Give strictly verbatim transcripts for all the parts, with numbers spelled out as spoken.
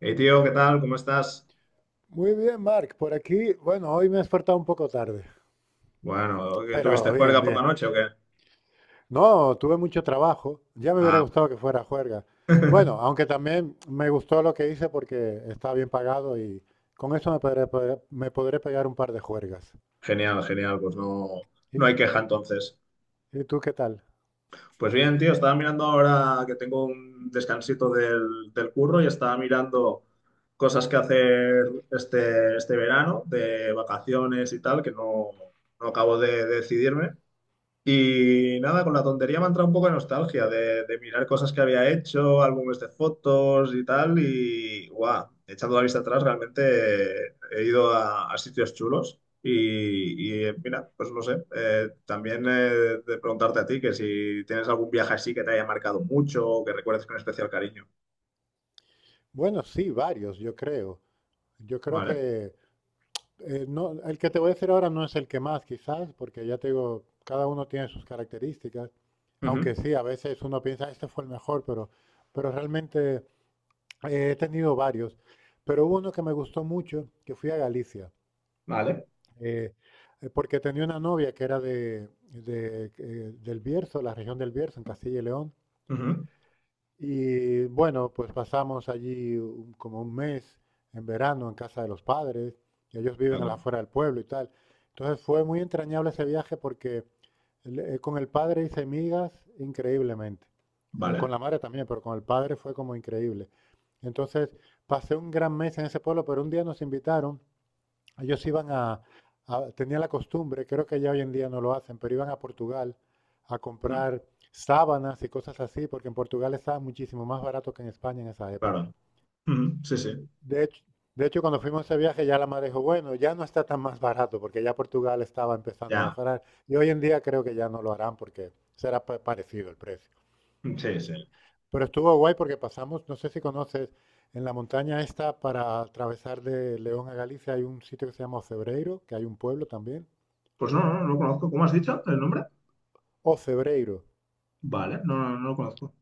Hey tío, ¿qué tal? ¿Cómo estás? Muy bien, Mark. Por aquí, bueno, hoy me he despertado un poco tarde, Bueno, ¿que tuviste pero bien, juerga por la bien. noche o qué? No, tuve mucho trabajo. Ya me hubiera Ah, bueno. gustado que fuera juerga. Bueno, aunque también me gustó lo que hice porque está bien pagado y con eso me podré, pe- me podré pegar un par de juergas. Genial, genial, pues no, no hay ¿Y, queja entonces. y tú qué tal? Pues bien, tío, estaba mirando ahora que tengo un descansito del, del curro y estaba mirando cosas que hacer este, este verano de vacaciones y tal, que no, no acabo de, de decidirme. Y nada, con la tontería me ha entrado un poco de nostalgia de, de mirar cosas que había hecho, álbumes de fotos y tal. Y guau, echando la vista atrás, realmente he ido a, a sitios chulos. Y, y, mira, pues no sé, eh, también eh, de preguntarte a ti que si tienes algún viaje así que te haya marcado mucho o que recuerdes con especial cariño. Bueno, sí, varios, yo creo. Yo creo Vale. que. Eh, no, el que te voy a decir ahora no es el que más, quizás, porque ya te digo, cada uno tiene sus características, Ujú. aunque sí, a veces uno piensa, este fue el mejor, pero, pero realmente eh, he tenido varios. Pero hubo uno que me gustó mucho, que fui a Galicia, Vale. eh, eh, porque tenía una novia que era de, de, eh, del Bierzo, la región del Bierzo, en Castilla y León, Ujú. y bueno, pues pasamos allí un- como un mes en verano en casa de los padres, y ellos De viven a la acuerdo. afuera del pueblo y tal. Entonces fue muy entrañable ese viaje porque le- eh, con el padre hice migas increíblemente. Eh, con Vale. la madre también, pero con el padre fue como increíble. Entonces pasé un gran mes en ese pueblo, pero un día nos invitaron. Ellos iban a, a- tenían la costumbre, creo que ya hoy en día no lo hacen, pero iban a Portugal a Ujú. comprar sábanas y cosas así, porque en Portugal estaba muchísimo más barato que en España en esa época. Claro. Ujú. Sí, sí. De hecho, de hecho, cuando fuimos a ese viaje ya la madre dijo, bueno, ya no está tan más barato, porque ya Portugal estaba empezando a Ya. mejorar. Y hoy en día creo que ya no lo harán porque será pa- parecido el precio. Sí, sí. Pero estuvo guay porque pasamos, no sé si conoces, en la montaña esta para atravesar de León a Galicia hay un sitio que se llama Ocebreiro, que hay un pueblo también. Pues no, no, no lo conozco. ¿Cómo has dicho el nombre? O Cebreiro. Vale, no, no, no lo conozco.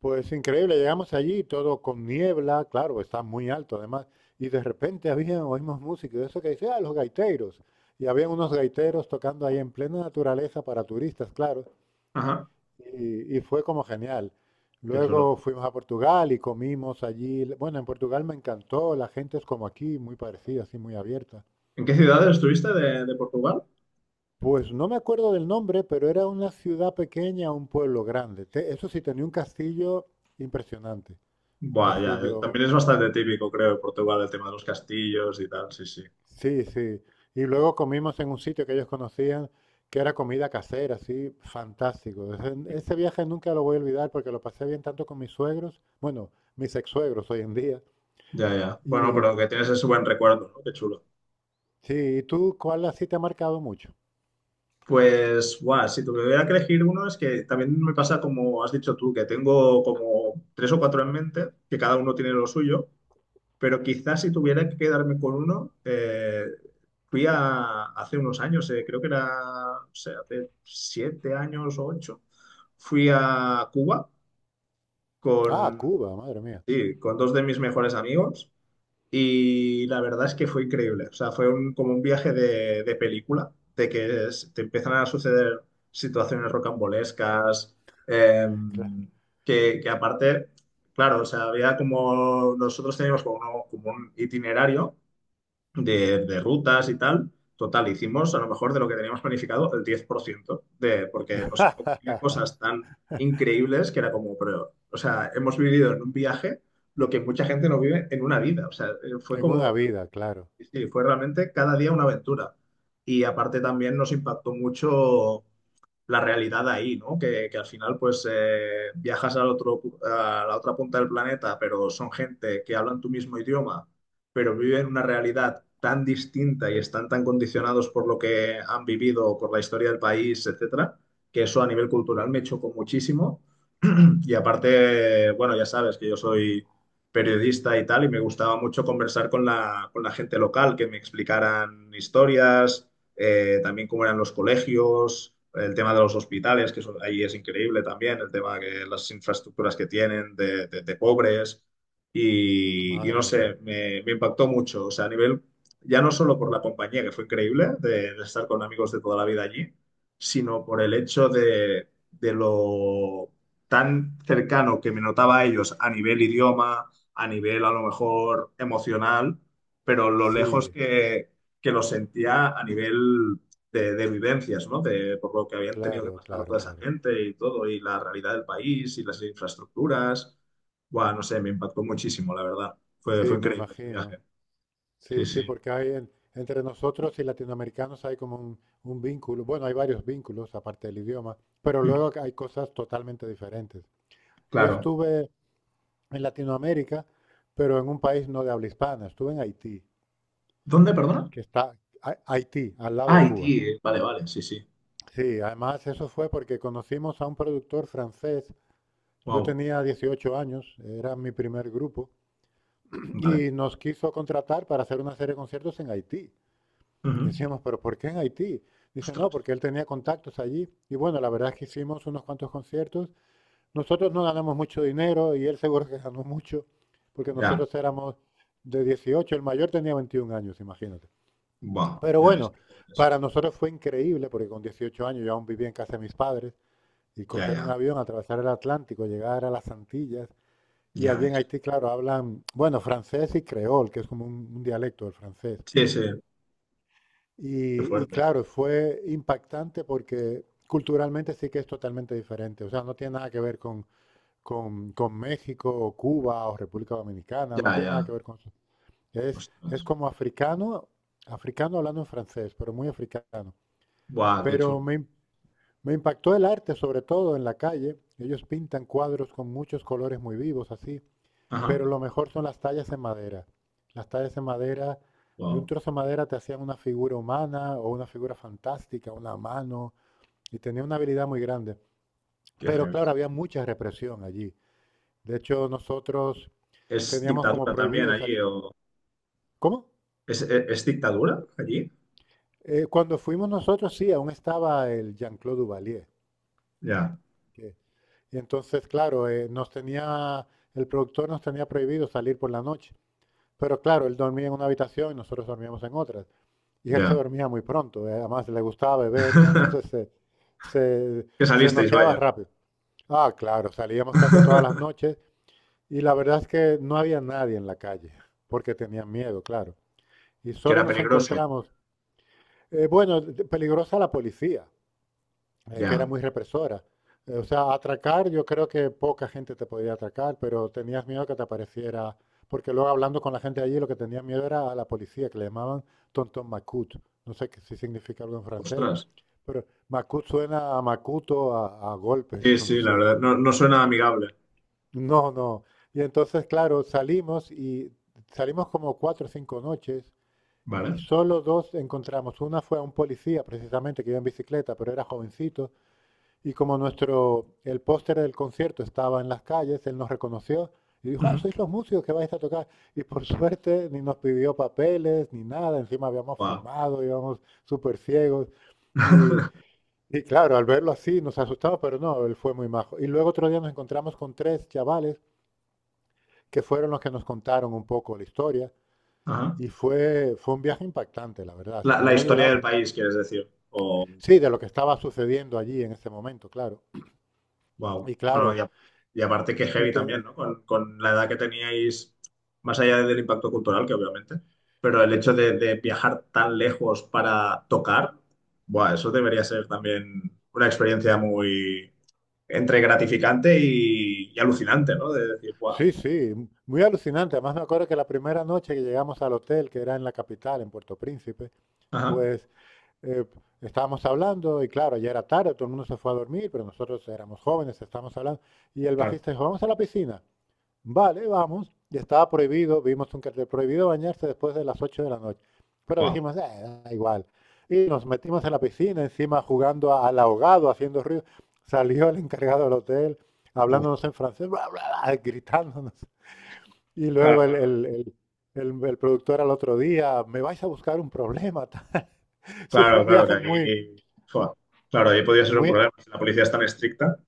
Pues increíble, llegamos allí, todo con niebla, claro, está muy alto además, y de repente había, oímos música, y eso que dice, ah, los gaiteros. Y había unos gaiteros tocando ahí en plena naturaleza para turistas, claro, Ajá, y, y fue como genial. qué chulo. Luego fuimos a Portugal y comimos allí. Bueno, en Portugal me encantó, la gente es como aquí, muy parecida, así muy abierta. ¿En qué ciudades estuviste de, de Portugal? Pues no me acuerdo del nombre, pero era una ciudad pequeña, un pueblo grande. Te- eso sí, tenía un castillo impresionante. Un Buah, ya, eh, también castillo, es bastante típico, creo, de Portugal, el tema de los castillos y tal, sí, sí. sí, sí. Y luego comimos en un sitio que ellos conocían, que era comida casera, así, fantástico. Ese, ese viaje nunca lo voy a olvidar porque lo pasé bien tanto con mis suegros, bueno, mis ex-suegros hoy en día. Ya, ya. Bueno, Y pero que tienes ese buen recuerdo, ¿no? Qué chulo. sí, ¿y tú cuál así te ha marcado mucho? Pues, guau, si tuviera que elegir uno, es que también me pasa como has dicho tú, que tengo como tres o cuatro en mente, que cada uno tiene lo suyo. Pero quizás si tuviera que quedarme con uno, eh, fui a, hace unos años, eh, creo que era, no sé, hace siete años o ocho, fui a Cuba Ah, con, Cuba, madre mía. sí, con dos de mis mejores amigos y la verdad es que fue increíble. O sea, fue un- como un viaje de, de película, de que es- te empiezan a suceder situaciones rocambolescas, Claro. em, que, que aparte, claro, o sea, había como, nosotros teníamos como, un- como un itinerario de, de rutas y tal. Total, hicimos a lo mejor de lo que teníamos planificado el diez por ciento de, porque nos ocurrían cosas tan increíbles que era como, pero, o sea, hemos vivido en un viaje lo que mucha gente no vive en una vida. O sea, eh, fue En como una vida, claro. sí, sí, fue realmente cada día una aventura. Y aparte también nos impactó mucho la realidad ahí, ¿no? Que, que al final pues eh, viajas al otro, pu- a la otra punta del planeta, pero son gente que hablan tu mismo idioma, pero viven una realidad tan distinta y están tan condicionados por lo que han vivido, por la historia del país, etcétera, que eso a nivel cultural me chocó muchísimo. Y aparte, bueno, ya sabes que yo soy periodista y tal, y me gustaba mucho conversar con la, con la gente local, que me explicaran historias, eh, también cómo eran los colegios, el tema de los hospitales, que eso ahí es increíble también, el tema que las infraestructuras que tienen de, de- de pobres, y, y no Madre mía. sé, me, me impactó mucho, o sea, a nivel, ya no solo por la compañía, que fue increíble, de, de estar con amigos de toda la vida allí, sino por el hecho de, de lo tan cercano que me notaba a ellos a nivel idioma, a nivel a lo mejor emocional, pero lo lejos Sí. que, que lo sentía a nivel de, de vivencias, ¿no? De, por lo que habían tenido que Claro, pasar claro, toda esa claro. gente y todo, y la realidad del país y las infraestructuras. Bueno, no sé, me impactó muchísimo, la verdad. Fue, fue Sí, me increíble ese imagino. viaje. Sí, Sí, sí, sí. porque hay en- entre nosotros y latinoamericanos hay como un, un vínculo. Bueno, hay varios vínculos aparte del idioma, pero Mm, luego hay cosas totalmente diferentes. Yo claro. estuve en Latinoamérica, pero en un país no de habla hispana. Estuve en Haití, ¿Dónde, perdona? que está Ha- Haití, al lado Ah, de Cuba. Haití. Vale, vale, sí, sí. Sí, además eso fue porque conocimos a un productor francés. Yo Wow. tenía dieciocho años, era mi primer grupo, Vale. y nos quiso contratar para hacer una serie de conciertos en Haití. Ujú. Decíamos, pero ¿por qué en Haití? Dice, no, Ostras. porque él tenía contactos allí. Y bueno, la verdad es que hicimos unos cuantos conciertos. Nosotros no ganamos mucho dinero y él seguro que ganó mucho, porque Ya. nosotros éramos de dieciocho, el mayor tenía veintiún años, imagínate. Wow. Pero Ya ves. bueno, Qué jóvenes. para nosotros fue increíble, porque con dieciocho años yo aún vivía en casa de mis padres, y Ya, coger un ya. avión, atravesar el Atlántico, llegar a las Antillas, y Ya allí en ves. Haití, claro, hablan, bueno, francés y creol, que es como un, un dialecto del francés. Sí, sí. Qué Y, y fuerte. claro, fue impactante porque culturalmente sí que es totalmente diferente. O sea, no tiene nada que ver con, con, con México o Cuba o República Dominicana, no Ya, tiene ya. nada que ver con eso. Es, Ostras. es como africano, africano hablando en francés, pero muy africano. Buah, qué Pero chulo. me, im- me impactó el arte, sobre todo en la calle. Ellos pintan cuadros con muchos colores muy vivos, así. Ajá. Pero lo mejor son las tallas en madera. Las tallas en madera, de un Wow, trozo de madera te hacían una figura humana o una figura fantástica, una mano, y tenía una habilidad muy grande. qué Pero heavy. claro, había mucha represión allí. De hecho, nosotros ¿Es teníamos como dictadura también prohibido allí salir. o ¿Cómo? es, es- es dictadura allí? Eh, cuando fuimos nosotros, sí, aún estaba el Jean-Claude Duvalier. Ya, que- y entonces, claro, eh, nos tenía, el productor nos tenía prohibido salir por la noche. Pero claro, él dormía en una habitación y nosotros dormíamos en otra. Y él se ya. dormía muy pronto, eh, además le gustaba beber, entonces se, se, Que se salisteis, noqueaba vaya. rápido. Ah, claro, salíamos casi todas las noches y la verdad es que no había nadie en la calle, porque tenían miedo, claro. Y Que solo era nos peligroso. encontramos, eh, bueno, peligrosa la policía, eh, que era Ya. muy represora. Eh, o sea, atracar, yo creo que poca gente te podía atracar, pero tenías miedo que te apareciera, porque luego hablando con la gente allí, lo que tenías miedo era a la policía, que le llamaban Tonton Macut. No sé qué- si significa algo en francés, Ostras. pero Macut suena a Macuto, a, a golpes, Sí, no sí, la sé. verdad. No, no suena amigable. No, no. Y entonces, claro, salimos y salimos como cuatro o cinco noches y Vale. solo dos encontramos. Una fue a un policía, precisamente, que iba en bicicleta, pero era jovencito. Y como nuestro, el póster del concierto estaba en las calles, él nos reconoció y dijo, ah, Ujú. sois los músicos que vais a tocar. Y por suerte ni nos pidió papeles ni nada, encima habíamos Guau. fumado, íbamos súper ciegos. Y, y claro, al verlo así nos asustamos, pero no, él fue muy majo. Y luego otro día nos encontramos con tres chavales que fueron los que nos contaron un poco la historia. Ajá. Y fue, fue un viaje impactante, la verdad. Se La, me la había historia olvidado, del pero país, quieres decir. sí, de lo que estaba sucediendo allí en ese momento, claro. Wow. Y Mm. y, claro, a- Y aparte que y heavy también, te- ¿no? Con, con la edad que teníais, más allá del impacto cultural, que obviamente, pero el hecho de, de viajar tan lejos para tocar, buah, eso debería ser también una experiencia muy entre gratificante y, y alucinante, ¿no? De decir, wow, sí, sí, muy alucinante. Además me acuerdo que la primera noche que llegamos al hotel, que era en la capital, en Puerto Príncipe, ajá, pues eh, estábamos hablando y claro, ya era tarde, todo el mundo se fue a dormir, pero nosotros éramos jóvenes, estábamos hablando. Y el claro, bajista dijo, vamos a la piscina. Vale, vamos. Y estaba prohibido, vimos un cartel prohibido bañarse después de las ocho de la noche. Pero wow, dijimos, "Eh, da igual". Y nos metimos en la piscina, encima jugando a- al ahogado, haciendo ruido. Salió el encargado del hotel, hablándonos en francés, gritándonos. Y luego claro, el, claro, el- el- el- el productor al otro día, me vais a buscar un problema, tal. Sí, fue claro, un claro, que viaje muy, ahí, buah, claro, ahí podría ser un muy. problema. Si la policía es tan estricta,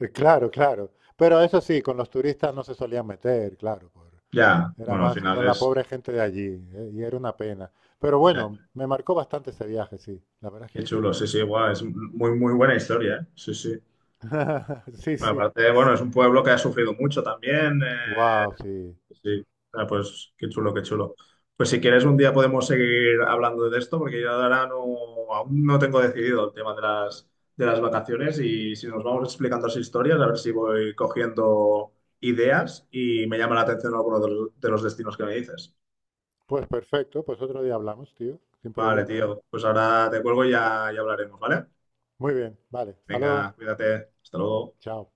eh, Claro, claro. Pero eso sí, con los turistas no se solían meter, claro. por- ya, Era bueno, al más final con la es... pobre gente de allí, eh, y era una pena. Pero bueno, me marcó bastante ese viaje, sí. La verdad Qué es que sí. chulo, sí, sí, guau, es muy, muy buena historia, ¿eh? Sí, sí. Sí, Bueno, sí. aparte, bueno, es un pueblo que ha sufrido mucho también. eh, Wow, sí. Sí, ah, pues qué chulo, qué chulo. Pues si quieres, un día podemos seguir hablando de esto, porque yo ahora no, aún no tengo decidido el tema de las, de las vacaciones y si nos vamos explicando las historias, a ver si voy cogiendo ideas y me llama la atención alguno de los, de los destinos que me dices. Pues perfecto, pues otro día hablamos, tío, sin Vale, problema. tío, pues ahora te cuelgo y ya, ya hablaremos, ¿vale? Muy bien, vale. Hasta luego. Venga, cuídate, hasta luego. Chao.